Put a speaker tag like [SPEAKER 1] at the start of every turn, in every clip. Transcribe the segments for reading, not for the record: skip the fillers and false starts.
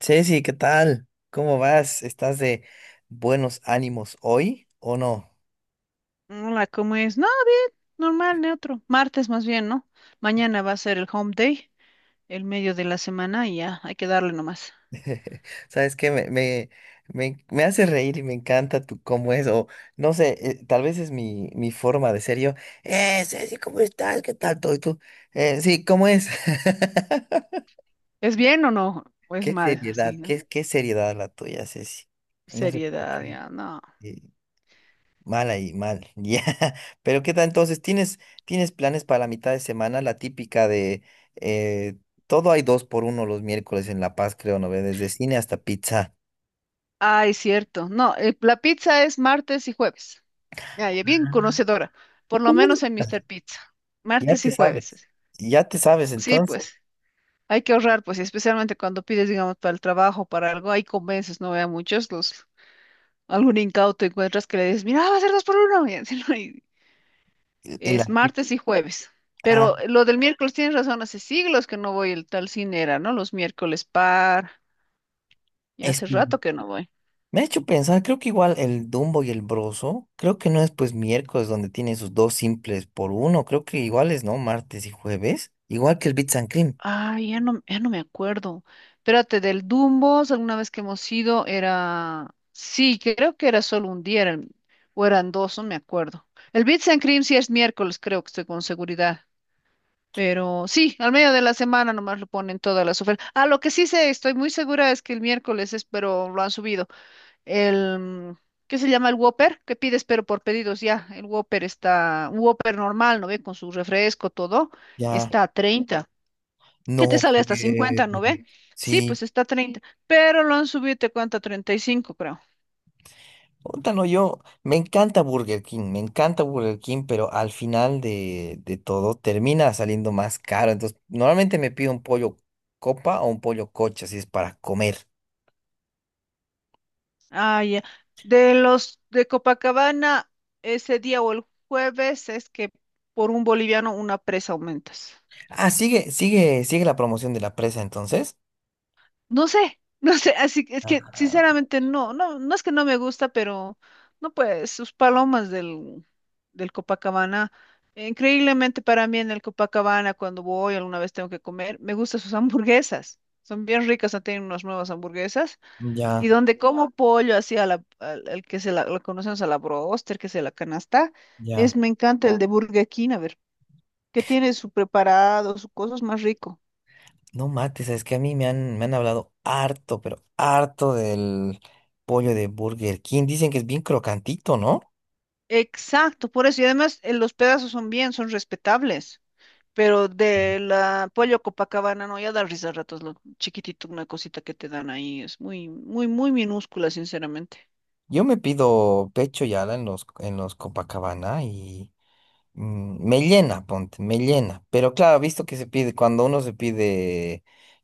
[SPEAKER 1] Ceci, ¿qué tal? ¿Cómo vas? ¿Estás de buenos ánimos hoy o no?
[SPEAKER 2] Hola, ¿cómo es? No, normal, neutro. Martes más bien, ¿no? Mañana va a ser el home day, el medio de la semana y ya, hay que darle nomás.
[SPEAKER 1] ¿Sabes que me hace reír y me encanta tu cómo es, o no sé, tal vez es mi forma de ser yo. Ceci, ¿cómo estás? ¿Qué tal todo? ¿Y tú? Sí, ¿cómo es?
[SPEAKER 2] ¿Es bien o no? ¿O es
[SPEAKER 1] Qué
[SPEAKER 2] mal? Así,
[SPEAKER 1] seriedad,
[SPEAKER 2] ¿no?
[SPEAKER 1] qué seriedad la tuya, Ceci. No sé por
[SPEAKER 2] Seriedad,
[SPEAKER 1] qué.
[SPEAKER 2] ya, no.
[SPEAKER 1] eh, Mal ahí, mal. Ya. Pero ¿qué tal entonces? ¿Tienes planes para la mitad de semana? La típica de eh, todo hay dos por uno los miércoles en La Paz, creo, ¿no ve? Desde cine hasta pizza.
[SPEAKER 2] Ay, cierto. No, la pizza es martes y jueves. Ya, ya bien conocedora, por lo menos en
[SPEAKER 1] Ah,
[SPEAKER 2] Mr. Pizza.
[SPEAKER 1] ya
[SPEAKER 2] Martes
[SPEAKER 1] te
[SPEAKER 2] y jueves.
[SPEAKER 1] sabes.
[SPEAKER 2] Es.
[SPEAKER 1] Ya te sabes,
[SPEAKER 2] Sí,
[SPEAKER 1] entonces.
[SPEAKER 2] pues, hay que ahorrar, pues, y especialmente cuando pides, digamos, para el trabajo, para algo, ahí convences, no vea muchos los... Algún incauto encuentras que le dices, mira, va a ser dos por uno. Y así, ¿no? Y
[SPEAKER 1] Y la
[SPEAKER 2] es martes y jueves.
[SPEAKER 1] ah,
[SPEAKER 2] Pero lo del miércoles tienes razón, hace siglos que no voy el tal cine era, ¿no? Los miércoles par. Y
[SPEAKER 1] es
[SPEAKER 2] hace
[SPEAKER 1] que
[SPEAKER 2] rato que no voy.
[SPEAKER 1] me ha hecho pensar, creo que igual el Dumbo y el Broso, creo que no es pues miércoles donde tienen sus dos simples por uno, creo que iguales, ¿no? Martes y jueves, igual que el Bits and Cream.
[SPEAKER 2] Ay, ya no, ya no me acuerdo. Espérate, del Dumbos, alguna vez que hemos ido, era. Sí, creo que era solo un día, o eran dos, no me acuerdo. El Bits and Cream sí es miércoles, creo que estoy con seguridad. Pero sí, al medio de la semana nomás lo ponen todas las ofertas. Ah, lo que sí sé, estoy muy segura es que el miércoles es, pero lo han subido. El, ¿qué se llama? El Whopper, que pides pero por pedidos ya. El Whopper está, un Whopper normal, ¿no ve? Con su refresco, todo,
[SPEAKER 1] Ya.
[SPEAKER 2] está a 30. ¿Qué te
[SPEAKER 1] No,
[SPEAKER 2] sale hasta
[SPEAKER 1] eh,
[SPEAKER 2] 50 no ve? Sí,
[SPEAKER 1] sí,
[SPEAKER 2] pues está a 30, pero lo han subido, te cuenta 35 creo.
[SPEAKER 1] ótalo yo. Me encanta Burger King, me encanta Burger King, pero al final de todo termina saliendo más caro. Entonces, normalmente me pido un pollo copa o un pollo coche, si es para comer.
[SPEAKER 2] Ah, ya. De los de Copacabana, ese día o el jueves es que por un boliviano una presa aumentas.
[SPEAKER 1] Ah, sigue, sigue, sigue la promoción de la presa entonces.
[SPEAKER 2] No sé, no sé, así que es que
[SPEAKER 1] Ah,
[SPEAKER 2] sinceramente no es que no me gusta, pero no pues, sus palomas del Copacabana, increíblemente para mí en el Copacabana cuando voy alguna vez tengo que comer, me gustan sus hamburguesas, son bien ricas, han tenido unas nuevas hamburguesas, y
[SPEAKER 1] ya,
[SPEAKER 2] donde como pollo así al que se la, lo conocemos a la broster, que se la canasta, es,
[SPEAKER 1] ya.
[SPEAKER 2] me encanta el de Burger King, a ver, que tiene su preparado, su cosas más rico.
[SPEAKER 1] No mates, es que a mí me han hablado harto, pero harto del pollo de Burger King. Dicen que es bien crocantito, ¿no?
[SPEAKER 2] Exacto, por eso. Y además los pedazos son bien, son respetables. Pero de la Pollo Copacabana, no, ya da risa a ratos lo chiquitito, una cosita que te dan ahí. Es muy, muy, muy minúscula, sinceramente.
[SPEAKER 1] Yo me pido pecho y ala en en los Copacabana y me llena, ponte, me llena. Pero claro, visto que se pide, cuando uno se pide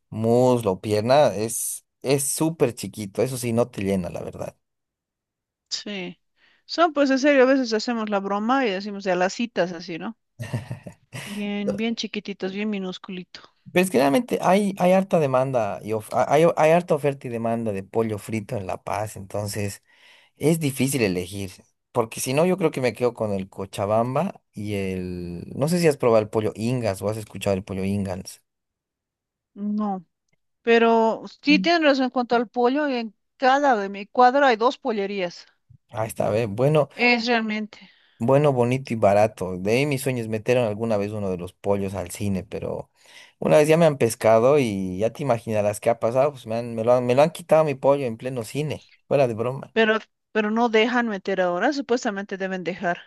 [SPEAKER 1] muslo o pierna, es súper chiquito, eso sí, no te llena, la verdad.
[SPEAKER 2] Sí. Son, pues, en serio, a veces hacemos la broma y decimos de a las citas así, ¿no? Bien, bien chiquititos, bien minúsculito.
[SPEAKER 1] Pero es que realmente hay harta demanda y hay, hay harta oferta y demanda de pollo frito en La Paz, entonces es difícil elegir, porque si no yo creo que me quedo con el Cochabamba y el... No sé si has probado el pollo Ingas o has escuchado el pollo Ingas.
[SPEAKER 2] No, pero sí tienen razón en cuanto al pollo. En cada de mi cuadro hay dos pollerías.
[SPEAKER 1] Ah, está bien. Bueno,
[SPEAKER 2] Es realmente.
[SPEAKER 1] bueno, bonito y barato. De ahí mis sueños metieron alguna vez uno de los pollos al cine, pero una vez ya me han pescado y ya te imaginarás qué ha pasado. Pues me lo han quitado mi pollo en pleno cine. Fuera de broma.
[SPEAKER 2] Pero, pero no dejan meter ahora, supuestamente deben dejar.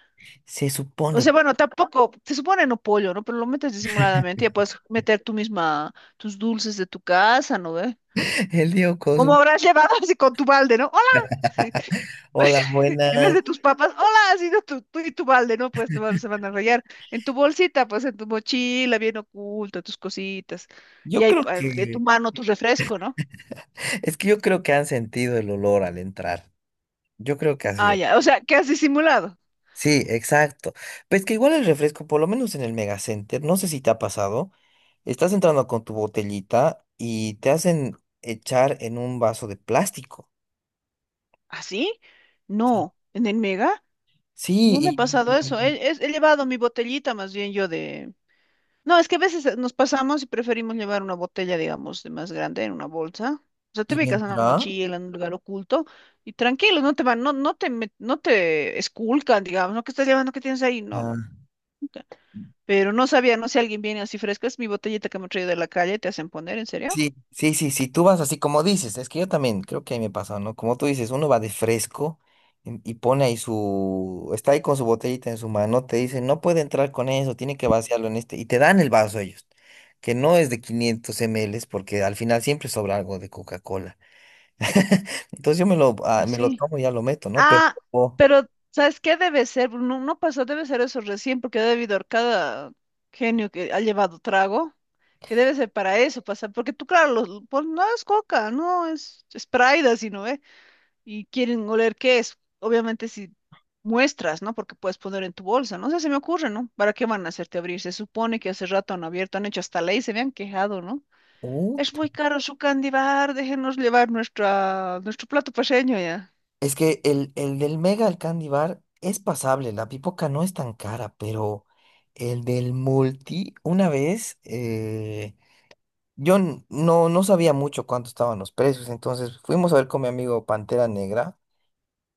[SPEAKER 1] Se
[SPEAKER 2] O
[SPEAKER 1] supone.
[SPEAKER 2] sea, bueno, tampoco, se supone no pollo, ¿no? Pero lo metes disimuladamente, ya puedes meter tú misma tus dulces de tu casa, ¿no ve?
[SPEAKER 1] El Diego
[SPEAKER 2] ¿Cómo
[SPEAKER 1] Cosu.
[SPEAKER 2] habrás llevado así con tu balde, ¿no? ¡Hola! Pues,
[SPEAKER 1] Hola,
[SPEAKER 2] en vez
[SPEAKER 1] buenas.
[SPEAKER 2] de tus papas, hola, ha sido tú y tu balde, ¿no? Pues te van, se van a rayar. En tu bolsita, pues en tu mochila, bien oculta, tus cositas. Y
[SPEAKER 1] Yo
[SPEAKER 2] ahí
[SPEAKER 1] creo
[SPEAKER 2] pa- de tu
[SPEAKER 1] que,
[SPEAKER 2] mano tu refresco, ¿no?
[SPEAKER 1] es que yo creo que han sentido el olor al entrar. Yo creo que ha
[SPEAKER 2] Ah,
[SPEAKER 1] sido.
[SPEAKER 2] ya. O sea, ¿qué has disimulado?
[SPEAKER 1] Sí, exacto. Pues que igual el refresco, por lo menos en el Megacenter, no sé si te ha pasado, estás entrando con tu botellita y te hacen echar en un vaso de plástico.
[SPEAKER 2] ¿Así?
[SPEAKER 1] Sí.
[SPEAKER 2] No. ¿En el mega? No me ha
[SPEAKER 1] Sí,
[SPEAKER 2] pasado eso. He llevado mi botellita más bien yo de, no, es que a veces nos pasamos y preferimos llevar una botella, digamos, de más grande en una bolsa. O sea, te
[SPEAKER 1] y
[SPEAKER 2] ubicas en una
[SPEAKER 1] entra.
[SPEAKER 2] mochila, en un lugar oculto y tranquilo, no te, met- no te esculcan, digamos, ¿no? ¿Qué estás llevando? ¿Qué tienes ahí? No,
[SPEAKER 1] Ah,
[SPEAKER 2] nunca. Pero no sabía, no sé, alguien viene así fresco, es mi botellita que me he traído de la calle, te hacen poner, ¿en serio?
[SPEAKER 1] sí, sí, sí, sí, tú vas así como dices, es que yo también creo que ahí me pasa, ¿no? Como tú dices, uno va de fresco y pone ahí su, está ahí con su botellita en su mano, te dicen, no puede entrar con eso, tiene que vaciarlo en este, y te dan el vaso ellos, que no es de 500 ml, porque al final siempre sobra algo de Coca-Cola. Entonces yo me lo, ah,
[SPEAKER 2] Ah,
[SPEAKER 1] me lo
[SPEAKER 2] sí.
[SPEAKER 1] tomo y ya lo meto, ¿no? Pero,
[SPEAKER 2] Ah, pero ¿sabes qué debe ser? No, no pasó, debe ser eso recién, porque debe haber cada genio que ha llevado trago, que debe ser para eso pasar, porque tú, claro, los- pues, no es coca, no es Sprite, sino, ¿eh? Y quieren oler qué es, obviamente si muestras, ¿no? Porque puedes poner en tu bolsa, no sé, se me ocurre, ¿no? ¿Para qué van a hacerte abrir? Se supone que hace rato han abierto, han hecho hasta ley, se me han quejado, ¿no?
[SPEAKER 1] oh,
[SPEAKER 2] Es muy caro su candy bar, déjenos llevar nuestra, nuestro plato paseño ya.
[SPEAKER 1] es que el del Mega, el Candy Bar, es pasable. La pipoca no es tan cara, pero el del Multi, una vez, yo no, no sabía mucho cuánto estaban los precios. Entonces fuimos a ver con mi amigo Pantera Negra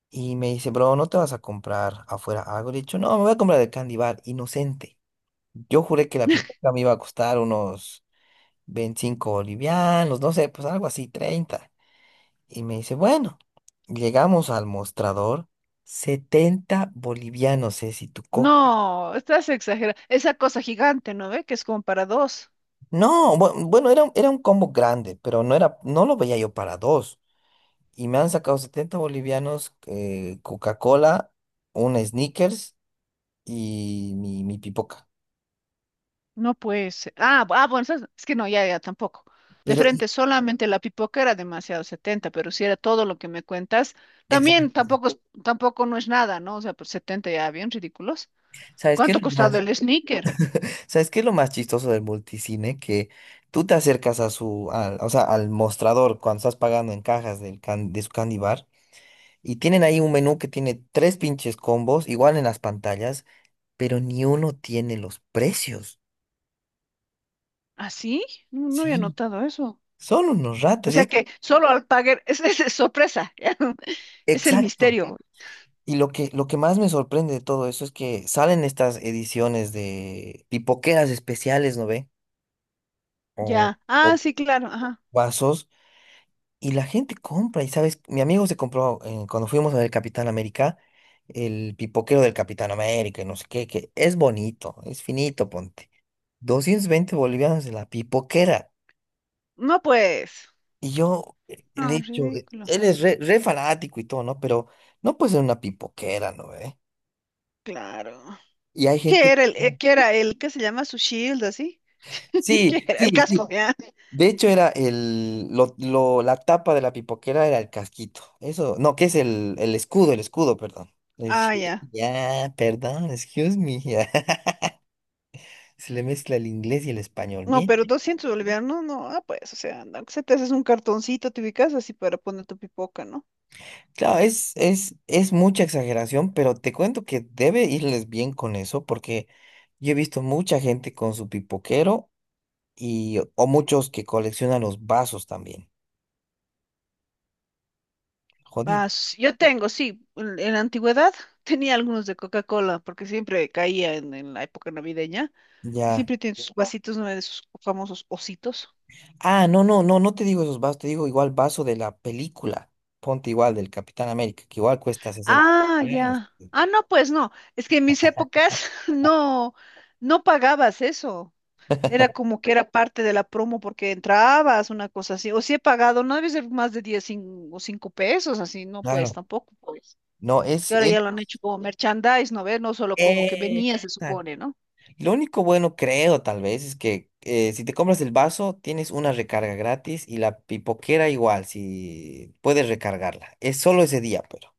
[SPEAKER 1] y me dice, bro, ¿no te vas a comprar afuera algo? Le he dicho, no, me voy a comprar el Candy Bar, inocente. Yo juré que la pipoca me iba a costar unos 25 bolivianos, no sé, pues algo así, 30 y me dice, bueno, llegamos al mostrador, 70 bolivianos es y tu coca.
[SPEAKER 2] No, estás exagerando. Esa cosa gigante, ¿no ve? Que es como para dos.
[SPEAKER 1] No, bueno, era, era un combo grande, pero no era, no lo veía yo para dos. Y me han sacado 70 bolivianos, Coca-Cola, un Snickers y mi pipoca.
[SPEAKER 2] No puede ser. Ah, ah, bueno, ¿sabes? Es que no, ya, ya tampoco. De
[SPEAKER 1] Pero, y-
[SPEAKER 2] frente, solamente la pipoca era demasiado 70, pero si era todo lo que me cuentas, también
[SPEAKER 1] exacto.
[SPEAKER 2] tampoco es, tampoco no es nada, ¿no? O sea, pues 70 ya, bien ridículos.
[SPEAKER 1] ¿Sabes qué
[SPEAKER 2] ¿Cuánto
[SPEAKER 1] es
[SPEAKER 2] ha
[SPEAKER 1] lo
[SPEAKER 2] costado
[SPEAKER 1] más,
[SPEAKER 2] el sneaker?
[SPEAKER 1] ¿sabes qué es lo más chistoso del multicine? Que tú te acercas a su, al, o sea, al mostrador cuando estás pagando en cajas del de su candy bar. Y tienen ahí un menú que tiene tres pinches combos, igual en las pantallas, pero ni uno tiene los precios.
[SPEAKER 2] ¿Ah, sí? No, no había
[SPEAKER 1] Sí,
[SPEAKER 2] notado eso.
[SPEAKER 1] son unos
[SPEAKER 2] O
[SPEAKER 1] ratas. Y
[SPEAKER 2] sea
[SPEAKER 1] es...
[SPEAKER 2] que solo al pagar, es sorpresa, ya. No, es el
[SPEAKER 1] Exacto.
[SPEAKER 2] misterio.
[SPEAKER 1] Y lo que más me sorprende de todo eso es que salen estas ediciones de pipoqueras especiales, ¿no ve? O,
[SPEAKER 2] Ya. Ah,
[SPEAKER 1] o
[SPEAKER 2] sí, claro, ajá.
[SPEAKER 1] vasos, y la gente compra. Y sabes, mi amigo se compró, cuando fuimos a ver Capitán América, el pipoquero del Capitán América, y no sé qué, que es bonito, es finito, ponte. 220 bolivianos de la pipoquera.
[SPEAKER 2] No, pues.
[SPEAKER 1] Y yo le he
[SPEAKER 2] Ah,
[SPEAKER 1] dicho,
[SPEAKER 2] ridículo.
[SPEAKER 1] él es re fanático y todo, ¿no? Pero no puede ser una pipoquera, ¿no? ¿Eh?
[SPEAKER 2] Claro.
[SPEAKER 1] Y hay
[SPEAKER 2] ¿Qué
[SPEAKER 1] gente...
[SPEAKER 2] era qué era el que se llama su shield, así? ¿Qué
[SPEAKER 1] Sí,
[SPEAKER 2] era? El
[SPEAKER 1] sí, sí.
[SPEAKER 2] casco, ¿ya?
[SPEAKER 1] De hecho, era el, la tapa de la pipoquera era el casquito. Eso, no, que es el escudo, perdón. El
[SPEAKER 2] Ah, ya.
[SPEAKER 1] ya, perdón, excuse me. Ya. Se le mezcla el inglés y el español.
[SPEAKER 2] No,
[SPEAKER 1] Bien.
[SPEAKER 2] pero 200 bolivianos, no, no, ah, pues, o sea, no, que se te haces un cartoncito, te ubicas así para poner tu pipoca, ¿no?
[SPEAKER 1] Claro, es mucha exageración, pero te cuento que debe irles bien con eso, porque yo he visto mucha gente con su pipoquero y, o muchos que coleccionan los vasos también.
[SPEAKER 2] Ah,
[SPEAKER 1] Jodido.
[SPEAKER 2] s- yo tengo, sí, en la antigüedad tenía algunos de Coca-Cola, porque siempre caía en la época navideña, y
[SPEAKER 1] Ya.
[SPEAKER 2] siempre tienen sus ya vasitos, ¿no? De sus famosos ositos.
[SPEAKER 1] Ah, no, no, no, no te digo esos vasos, te digo igual vaso de la película. Ponte igual del Capitán América, que igual cuesta sesenta
[SPEAKER 2] Ah,
[SPEAKER 1] millones.
[SPEAKER 2] ya. Ah, no, pues no. Es que en mis épocas no, no pagabas eso. Era como que era parte de la promo porque entrabas, una cosa así. O si he pagado, no debe ser más de 10 o 5 pesos, así, no, pues
[SPEAKER 1] Claro.
[SPEAKER 2] tampoco. Pues.
[SPEAKER 1] No,
[SPEAKER 2] Es que ahora ya lo han hecho como merchandise, ¿no ves? No solo como que
[SPEAKER 1] es,
[SPEAKER 2] venía, se supone, ¿no?
[SPEAKER 1] lo único bueno, creo, tal vez, es que si te compras el vaso, tienes una recarga gratis y la pipoquera igual, si puedes recargarla. Es solo ese día, pero.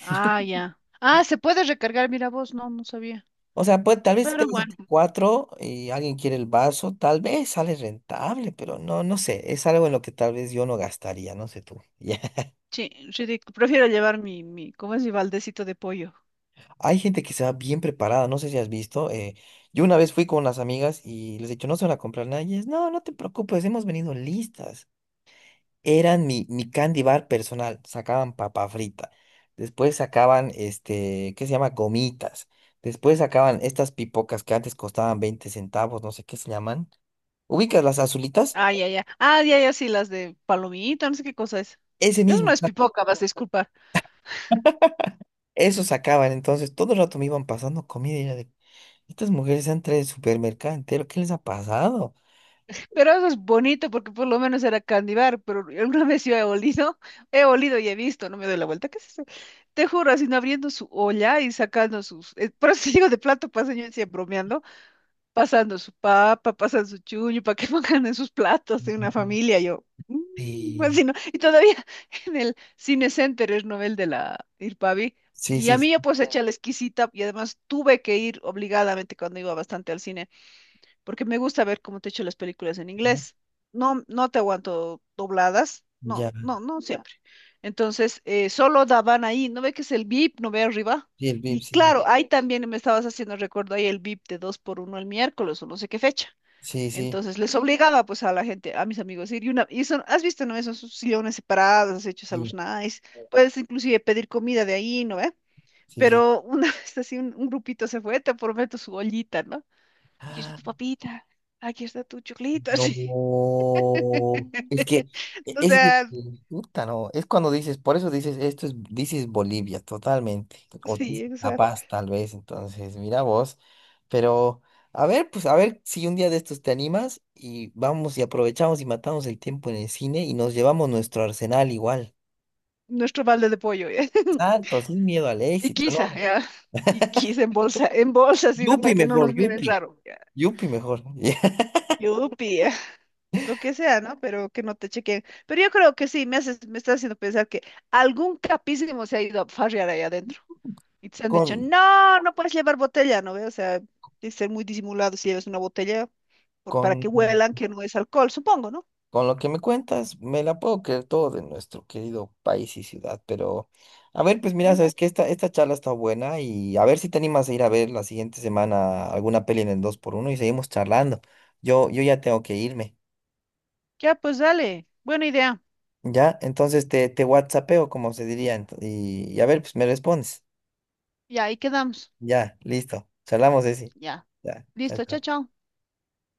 [SPEAKER 2] Ah, ya. Ah, se puede recargar, mira vos, no, no sabía.
[SPEAKER 1] O sea, pues tal vez si te
[SPEAKER 2] Pero
[SPEAKER 1] vas a
[SPEAKER 2] bueno.
[SPEAKER 1] cuatro y alguien quiere el vaso, tal vez sale rentable, pero no, no sé. Es algo en lo que tal vez yo no gastaría, no sé tú. Ya.
[SPEAKER 2] Sí, ridic- prefiero llevar ¿cómo es mi baldecito de pollo?
[SPEAKER 1] Hay gente que se va bien preparada, no sé si has visto. Yo una vez fui con unas amigas y les he dicho, no se van a comprar nada. Y ellas, no, no te preocupes, hemos venido listas. Eran mi candy bar personal. Sacaban papa frita. Después sacaban, este, ¿qué se llama? Gomitas. Después sacaban estas pipocas que antes costaban 20 centavos, no sé qué se llaman. ¿Ubicas las azulitas?
[SPEAKER 2] Ah, ya, ya. Ah, ya, ya, sí, las de palomita, no sé qué cosa es.
[SPEAKER 1] Ese
[SPEAKER 2] Eso
[SPEAKER 1] mismo,
[SPEAKER 2] no es pipoca, vas a disculpar.
[SPEAKER 1] eso sacaban. Entonces, todo el rato me iban pasando comida y era de, estas mujeres han traído el supermercado entero, ¿qué les ha pasado?
[SPEAKER 2] Pero eso es bonito porque por lo menos era candibar, pero alguna vez yo he olido y he visto, no me doy la vuelta, ¿qué es eso? Te juro, así no abriendo su olla y sacando sus, por eso digo de plato paseño, decía bromeando, pasando su papa, pasando su chuño, para que pongan en sus platos de una
[SPEAKER 1] Ujú.
[SPEAKER 2] familia, yo, "Mm",
[SPEAKER 1] Sí,
[SPEAKER 2] así no, y todavía en el Cine Center es novel de la Irpavi,
[SPEAKER 1] sí,
[SPEAKER 2] y
[SPEAKER 1] sí,
[SPEAKER 2] a mí yo
[SPEAKER 1] sí,
[SPEAKER 2] pues eché la exquisita, y además tuve que ir obligadamente cuando iba bastante al cine porque me gusta ver, como te he dicho, las películas en
[SPEAKER 1] Ujú.
[SPEAKER 2] inglés. No, no te aguanto dobladas, no,
[SPEAKER 1] Ya,
[SPEAKER 2] no, no ya. Siempre. Entonces, solo daban ahí, ¿no ve que es el VIP? ¿No ve arriba?
[SPEAKER 1] sí, el VIP,
[SPEAKER 2] Y
[SPEAKER 1] sí, sí,
[SPEAKER 2] claro, ahí también me estabas haciendo recuerdo ahí el VIP de 2 por uno el miércoles o no sé qué fecha.
[SPEAKER 1] sí, sí, sí,
[SPEAKER 2] Entonces les obligaba pues a la gente, a mis amigos, ir y una, y son, has visto, ¿no? Esos sillones separados, hechos a
[SPEAKER 1] y-
[SPEAKER 2] los nice, puedes inclusive pedir comida de ahí, ¿no ve?
[SPEAKER 1] sí.
[SPEAKER 2] Pero una vez así un grupito se fue, te prometo su ollita, ¿no? Aquí está tu
[SPEAKER 1] Sí.
[SPEAKER 2] papita, aquí está tu choclito, así.
[SPEAKER 1] No, es que
[SPEAKER 2] O
[SPEAKER 1] ese es
[SPEAKER 2] sea,
[SPEAKER 1] puta, no, es cuando dices, por eso dices, esto es, dices Bolivia, totalmente, o
[SPEAKER 2] sí,
[SPEAKER 1] dices La
[SPEAKER 2] exacto.
[SPEAKER 1] Paz, tal vez, entonces, mira vos, pero, a ver, pues, a ver si un día de estos te animas y vamos y aprovechamos y matamos el tiempo en el cine y nos llevamos nuestro arsenal igual.
[SPEAKER 2] Nuestro balde de pollo, ¿ya?
[SPEAKER 1] Exacto, sin miedo al
[SPEAKER 2] Y
[SPEAKER 1] éxito,
[SPEAKER 2] quizá,
[SPEAKER 1] no,
[SPEAKER 2] ¿ya? Y quizá en bolsa, en bolsa, sino para
[SPEAKER 1] Yupi
[SPEAKER 2] que no
[SPEAKER 1] mejor,
[SPEAKER 2] nos miren
[SPEAKER 1] Yupi,
[SPEAKER 2] raro, ¿ya?
[SPEAKER 1] Yupi mejor,
[SPEAKER 2] Yupi, ya. Lo que sea, ¿no? Pero que no te chequen. Pero yo creo que sí, me haces, me estás haciendo pensar que algún capísimo se ha ido a farrear ahí adentro. Y te han
[SPEAKER 1] con,
[SPEAKER 2] dicho, no, no puedes llevar botella, ¿no? Ve? O sea, de ser muy disimulado si llevas una botella por-
[SPEAKER 1] con
[SPEAKER 2] para que huelan que no es alcohol, supongo, ¿no?
[SPEAKER 1] con lo que me cuentas, me la puedo creer todo de nuestro querido país y ciudad, pero a ver, pues mira,
[SPEAKER 2] ¿Ve?
[SPEAKER 1] sabes que esta charla está buena y a ver si te animas a ir a ver la siguiente semana alguna peli en el 2x1 y seguimos charlando. Yo ya tengo que irme,
[SPEAKER 2] Ya, pues dale. Buena idea.
[SPEAKER 1] ¿ya? Entonces te WhatsAppeo, como se diría, y a ver, pues me respondes.
[SPEAKER 2] Y ahí quedamos.
[SPEAKER 1] Ya, listo. Charlamos, Ceci.
[SPEAKER 2] Ya.
[SPEAKER 1] Ya, chao,
[SPEAKER 2] Listo, chao,
[SPEAKER 1] chao.
[SPEAKER 2] chao.